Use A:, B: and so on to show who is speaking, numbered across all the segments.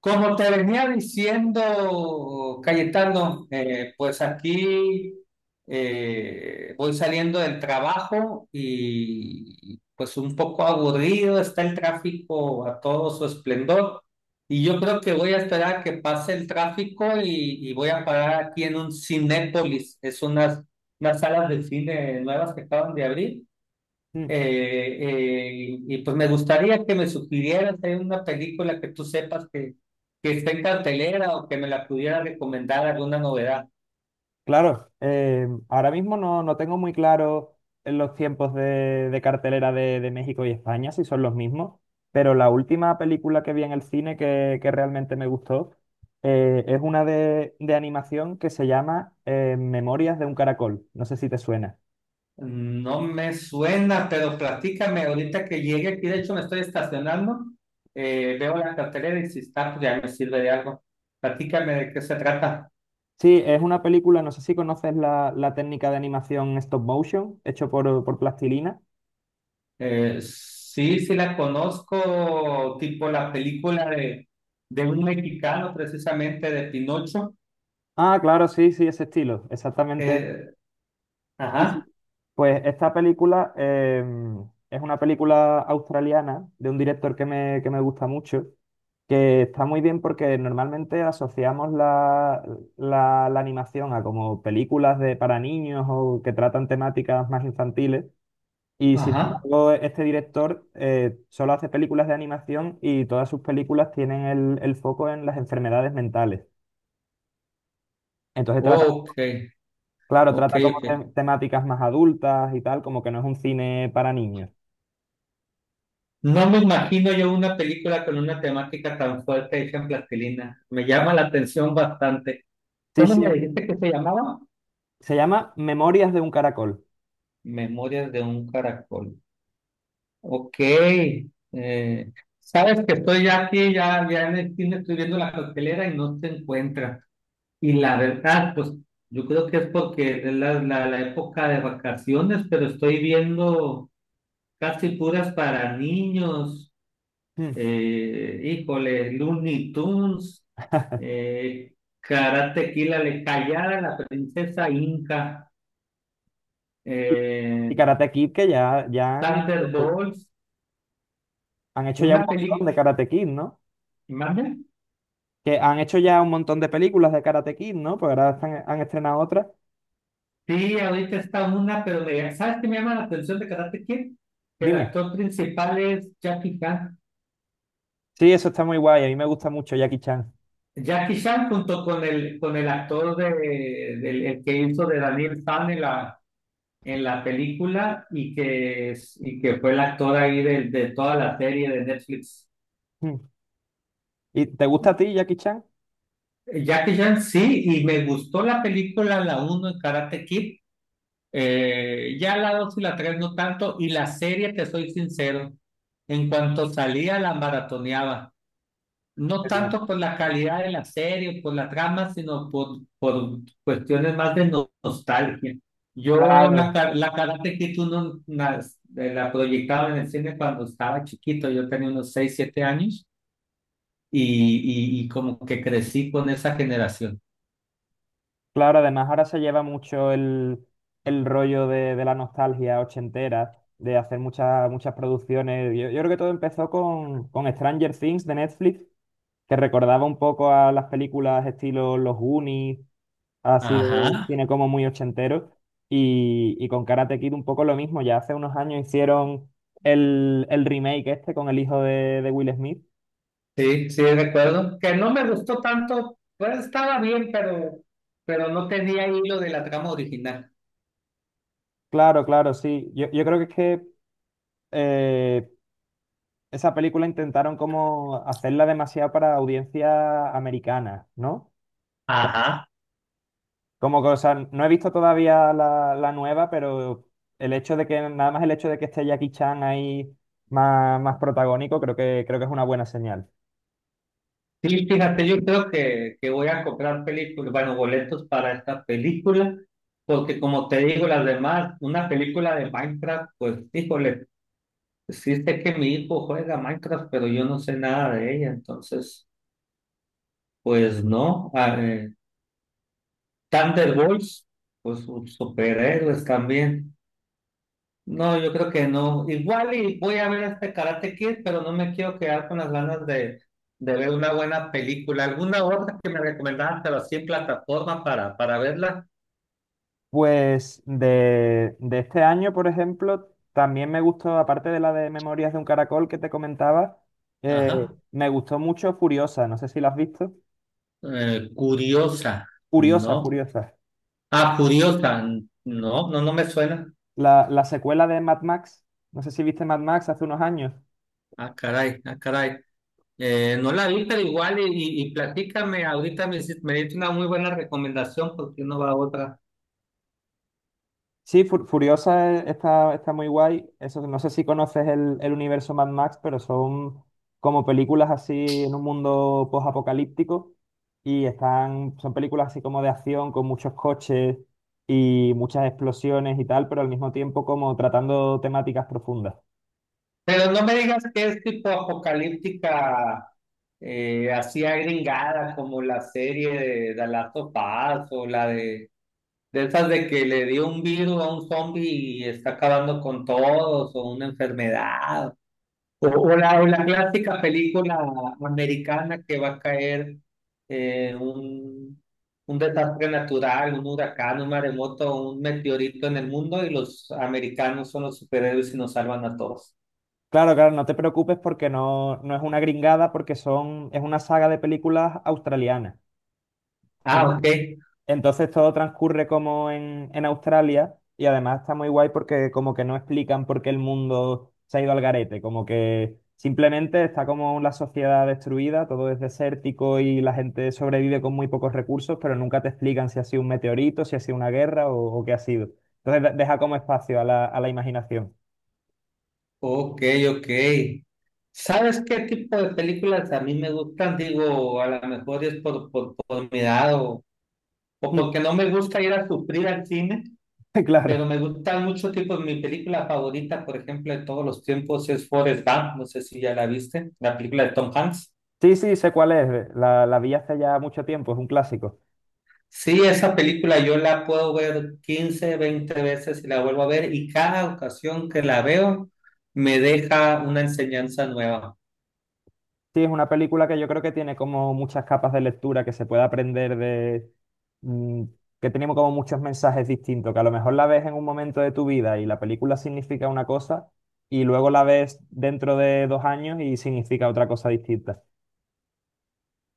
A: Como te venía diciendo, Cayetano, pues aquí voy saliendo del trabajo y pues un poco aburrido está el tráfico a todo su esplendor. Y yo creo que voy a esperar a que pase el tráfico y voy a parar aquí en un Cinépolis. Es unas salas de cine nuevas que acaban de abrir
B: Mm.
A: eh, eh, y pues me gustaría que me sugirieras hay una película que tú sepas que está en cartelera o que me la pudiera recomendar alguna novedad.
B: Claro, ahora mismo no tengo muy claro en los tiempos de cartelera de México y España, si son los mismos, pero la última película que vi en el cine que realmente me gustó es una de animación que se llama Memorias de un caracol, no sé si te suena.
A: No me suena, pero platícame ahorita que llegue aquí. De hecho, me estoy estacionando. Veo la cartelera y si está, pues ya me sirve de algo. Platícame de qué se trata.
B: Sí, es una película, no sé si conoces la técnica de animación stop motion, hecho por plastilina.
A: Sí, sí la conozco, tipo la película de un mexicano, precisamente de Pinocho.
B: Ah, claro, sí, sí, ese estilo, exactamente.
A: Eh,
B: Sí, sí.
A: ajá.
B: Pues esta película es una película australiana de un director que me gusta mucho, que está muy bien porque normalmente asociamos la animación a como películas de, para niños o que tratan temáticas más infantiles. Y sin
A: Ajá.
B: embargo, este director solo hace películas de animación y todas sus películas tienen el foco en las enfermedades mentales. Entonces trata,
A: Ok,
B: claro,
A: ok,
B: trata como
A: ok.
B: temáticas más adultas y tal, como que no es un cine para niños.
A: No me imagino yo una película con una temática tan fuerte hecha en plastilina. Me llama la atención bastante.
B: Sí,
A: ¿Cómo
B: sí,
A: me dijiste que se llamaba?
B: se llama Memorias de un caracol.
A: Memorias de un caracol. Ok. eh, sabes que estoy ya aquí, ya, ya en el cine estoy viendo la cartelera y no se encuentra. Y la verdad, pues yo creo que es porque es la época de vacaciones, pero estoy viendo casi puras para niños.
B: Mm.
A: Híjole, Looney Tunes, eh, Karate Kid, la callada, la princesa Inca,
B: Y
A: eh,
B: y Karate Kid, ya
A: Thunderbolts,
B: han hecho ya un
A: una
B: montón
A: película,
B: de Karate Kid, ¿no?
A: ¿mande?
B: Que han hecho ya un montón de películas de Karate Kid, ¿no? Pues ahora han estrenado otras.
A: Sí, ahorita está una, pero me- ¿sabes qué me llama la atención de Karate Kid? Que el
B: Dime.
A: actor principal es Jackie Chan.
B: Sí, eso está muy guay. A mí me gusta mucho Jackie Chan.
A: Jackie Chan junto con el actor de, del el que hizo de Daniel San en la película y que fue el actor ahí de toda la serie de Netflix.
B: Mm. ¿Y te gusta a ti Jackie Chan?
A: Jackie Chan, sí, y me gustó la película, la uno en Karate Kid, ya la 2 y la 3 no tanto, y la serie, te soy sincero, en cuanto salía la maratoneaba. No
B: Bueno,
A: tanto por la calidad de la serie o por la trama, sino por cuestiones más de nostalgia. Yo
B: claro,
A: la Karate Kid uno la proyectaba en el cine cuando estaba chiquito, yo tenía unos 6 7 años y como que crecí con esa generación.
B: claro. Además, ahora se lleva mucho el rollo de la nostalgia ochentera, de hacer muchas, muchas producciones. Yo creo que todo empezó con Stranger Things de Netflix que recordaba un poco a las películas estilo Los Goonies, así de
A: Ajá.
B: cine como muy ochentero, y con Karate Kid un poco lo mismo. Ya hace unos años hicieron el remake este con el hijo de Will Smith.
A: Sí, sí, recuerdo que no me gustó tanto, pues estaba bien, pero no tenía hilo de la trama original.
B: Claro, claro, sí. Yo creo que es que eh, esa película intentaron como hacerla demasiado para audiencia americana, ¿no?
A: Ajá.
B: Como que, o sea, no he visto todavía la nueva, pero el hecho de que, nada más el hecho de que esté Jackie Chan ahí más, más protagónico, creo creo que es una buena señal.
A: Sí, fíjate, yo creo que voy a comprar películas, bueno, boletos para esta película, porque como te digo, las demás, una película de Minecraft, pues, híjole, sí sé que mi hijo juega Minecraft, pero yo no sé nada de ella, entonces, pues no. Ah, Thunderbolts, pues sus superhéroes también. No, yo creo que no. Igual y voy a ver este Karate Kid, pero no me quiero quedar con las ganas de ver una buena película. ¿Alguna otra que me recomendaban, pero así en plataforma para verla?
B: Pues de este año, por ejemplo, también me gustó, aparte de la de Memorias de un Caracol que te comentaba,
A: Ajá.
B: me gustó mucho Furiosa, no sé si la has visto.
A: Curiosa,
B: Furiosa,
A: ¿no?
B: Furiosa.
A: Ah, curiosa. No, no, no me suena.
B: La secuela de Mad Max, no sé si viste Mad Max hace unos años.
A: Ah, caray, ah, caray. No la vi, pero igual y platícame ahorita, me diste una muy buena recomendación porque no va otra.
B: Sí, Furiosa, está, está muy guay. Eso, no sé si conoces el universo Mad Max, pero son como películas así en un mundo post-apocalíptico y están, son películas así como de acción con muchos coches y muchas explosiones y tal, pero al mismo tiempo como tratando temáticas profundas.
A: Pero no me digas que es tipo apocalíptica, así agringada, como la serie de Last of Us, o la de esas de que le dio un virus a un zombie y está acabando con todos, o una enfermedad, o la clásica película americana que va a caer eh, un, un desastre natural, un huracán, un maremoto, un meteorito en el mundo y los americanos son los superhéroes y nos salvan a todos.
B: Claro, claro, no te preocupes porque no, no es una gringada, porque son, es una saga de películas australianas.
A: Ah, ok.
B: Entonces todo transcurre como en Australia y además está muy guay porque como que no explican por qué el mundo se ha ido al garete, como que simplemente está como la sociedad destruida, todo es desértico y la gente sobrevive con muy pocos recursos, pero nunca te explican si ha sido un meteorito, si ha sido una guerra o qué ha sido. Entonces deja como espacio a a la imaginación.
A: Ok, ok. ¿Sabes qué tipo de películas a mí me gustan? Digo, a lo mejor es por mi edad o, porque no me gusta ir a sufrir al cine,
B: Claro.
A: pero me gustan muchos tipos. Mi película favorita, por ejemplo, de todos los tiempos es Forrest Gump. No sé si ya la viste, la película de Tom Hanks.
B: Sí, sí, sé cuál es. La vi hace ya mucho tiempo, es un clásico.
A: Sí, esa película yo la puedo ver 15, 20 veces y la vuelvo a ver y cada ocasión que la veo me deja una enseñanza nueva.
B: Sí, es una película que yo creo que tiene como muchas capas de lectura que se puede aprender de... mm, que tenemos como muchos mensajes distintos, que a lo mejor la ves en un momento de tu vida y la película significa una cosa y luego la ves dentro de dos años y significa otra cosa distinta.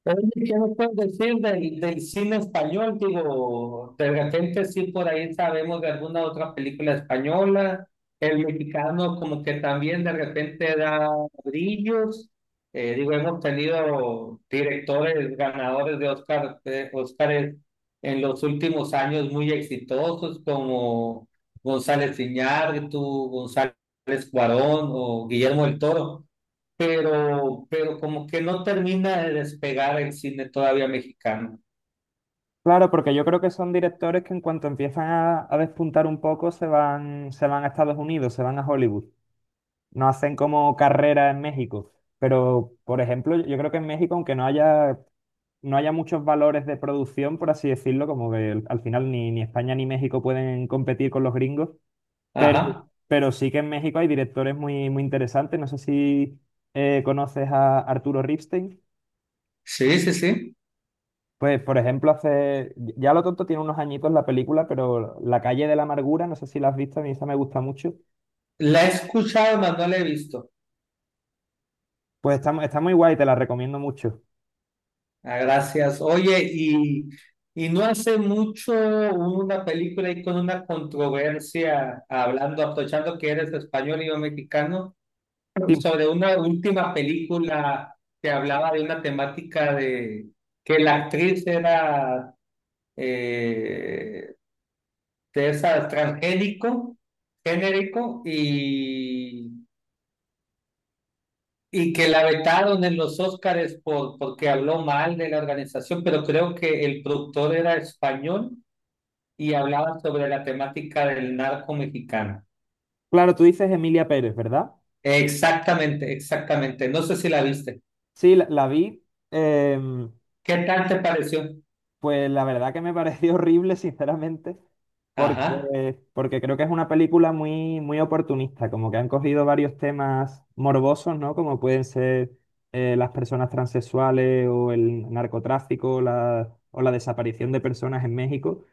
A: Pero, ¿qué nos puedes decir del cine español? Digo, de repente sí por ahí sabemos de alguna otra película española. El mexicano como que también de repente da brillos. Digo, hemos tenido directores ganadores de Oscar, de Óscares en los últimos años muy exitosos como González Iñárritu, González Cuarón o Guillermo del Toro pero como que no termina de despegar el cine todavía mexicano.
B: Claro, porque yo creo que son directores que en cuanto empiezan a despuntar un poco se van a Estados Unidos, se van a Hollywood. No hacen como carrera en México. Pero, por ejemplo, yo creo que en México, aunque no haya muchos valores de producción, por así decirlo, como que al final ni, ni España ni México pueden competir con los gringos, pero,
A: Ajá,
B: pero sí que en México hay directores muy, muy interesantes. No sé si conoces a Arturo Ripstein.
A: sí, sí, sí.
B: Pues, por ejemplo, hace, ya lo tonto tiene unos añitos la película, pero La calle de la amargura, no sé si la has visto, a mí esa me gusta mucho.
A: La he escuchado, mas no la he visto.
B: Pues está, está muy guay, te la recomiendo mucho.
A: Ah, gracias. Oye, y no hace mucho hubo una película ahí con una controversia, hablando, aprovechando que eres español y yo mexicano,
B: Sí,
A: sobre una última película que hablaba de una temática de que la actriz era... eh, César transgénico, genérico y que la vetaron en los Óscares porque habló mal de la organización, pero creo que el productor era español y hablaba sobre la temática del narco mexicano.
B: claro, tú dices Emilia Pérez, ¿verdad?
A: Exactamente, exactamente. No sé si la viste.
B: Sí, la vi. em,
A: ¿Qué tal te pareció?
B: Pues la verdad que me pareció horrible, sinceramente,
A: Ajá.
B: porque, porque creo que es una película muy, muy oportunista, como que han cogido varios temas morbosos, ¿no? Como pueden ser las personas transexuales o el narcotráfico la, o la desaparición de personas en México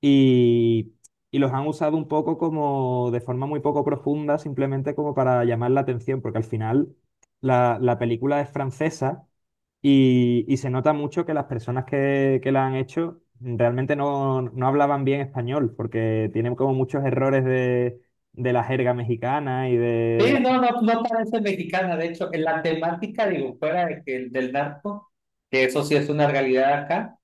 B: y, y los han usado un poco como de forma muy poco profunda, simplemente como para llamar la atención, porque al final la película es francesa y se nota mucho que las personas que la han hecho realmente no, no hablaban bien español, porque tienen como muchos errores de la jerga mexicana y de
A: Sí,
B: la...
A: no, no, no parece mexicana. De hecho, en la temática, digo, fuera de que el del narco, que eso sí es una realidad acá.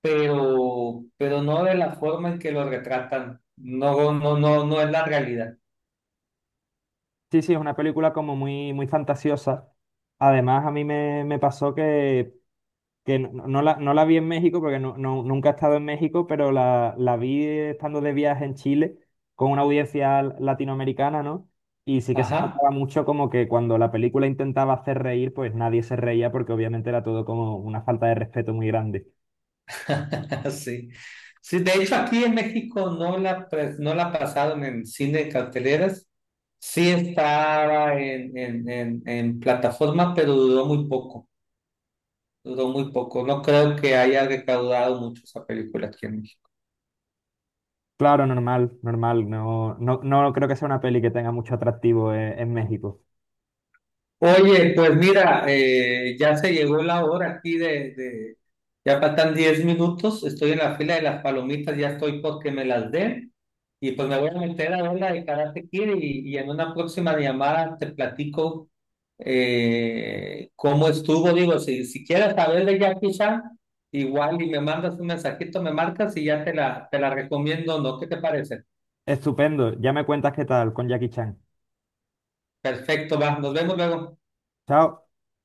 A: Pero no de la forma en que lo retratan. No, no, no, no es la realidad.
B: Sí, sí, es una película como muy, muy fantasiosa. Además, a mí me pasó que no no la vi en México porque no, nunca he estado en México, pero la vi estando de viaje en Chile con una audiencia latinoamericana, ¿no? Y sí que se
A: Ajá.
B: notaba mucho como que cuando la película intentaba hacer reír, pues nadie se reía porque obviamente era todo como una falta de respeto muy grande.
A: Sí. Sí, de hecho aquí en México no la pasaron en cine de carteleras. Sí estaba en plataforma, pero duró muy poco. Duró muy poco. No creo que haya recaudado mucho esa película aquí en México.
B: Claro, normal, normal. No, no, no creo que sea una peli que tenga mucho atractivo en México.
A: Oye, pues mira, ya se llegó la hora aquí. Ya faltan 10 minutos, estoy en la fila de las palomitas, ya estoy porque me las den, y, pues me voy a meter a ver la de Karate Kid y en una próxima llamada te platico cómo estuvo, digo, si quieres saber de Jackie Chan, igual y me mandas un mensajito, me marcas y ya te la recomiendo, ¿no? ¿Qué te parece?
B: Estupendo. Ya me cuentas qué tal con Jackie Chan.
A: Perfecto, va, nos vemos luego.
B: Chao.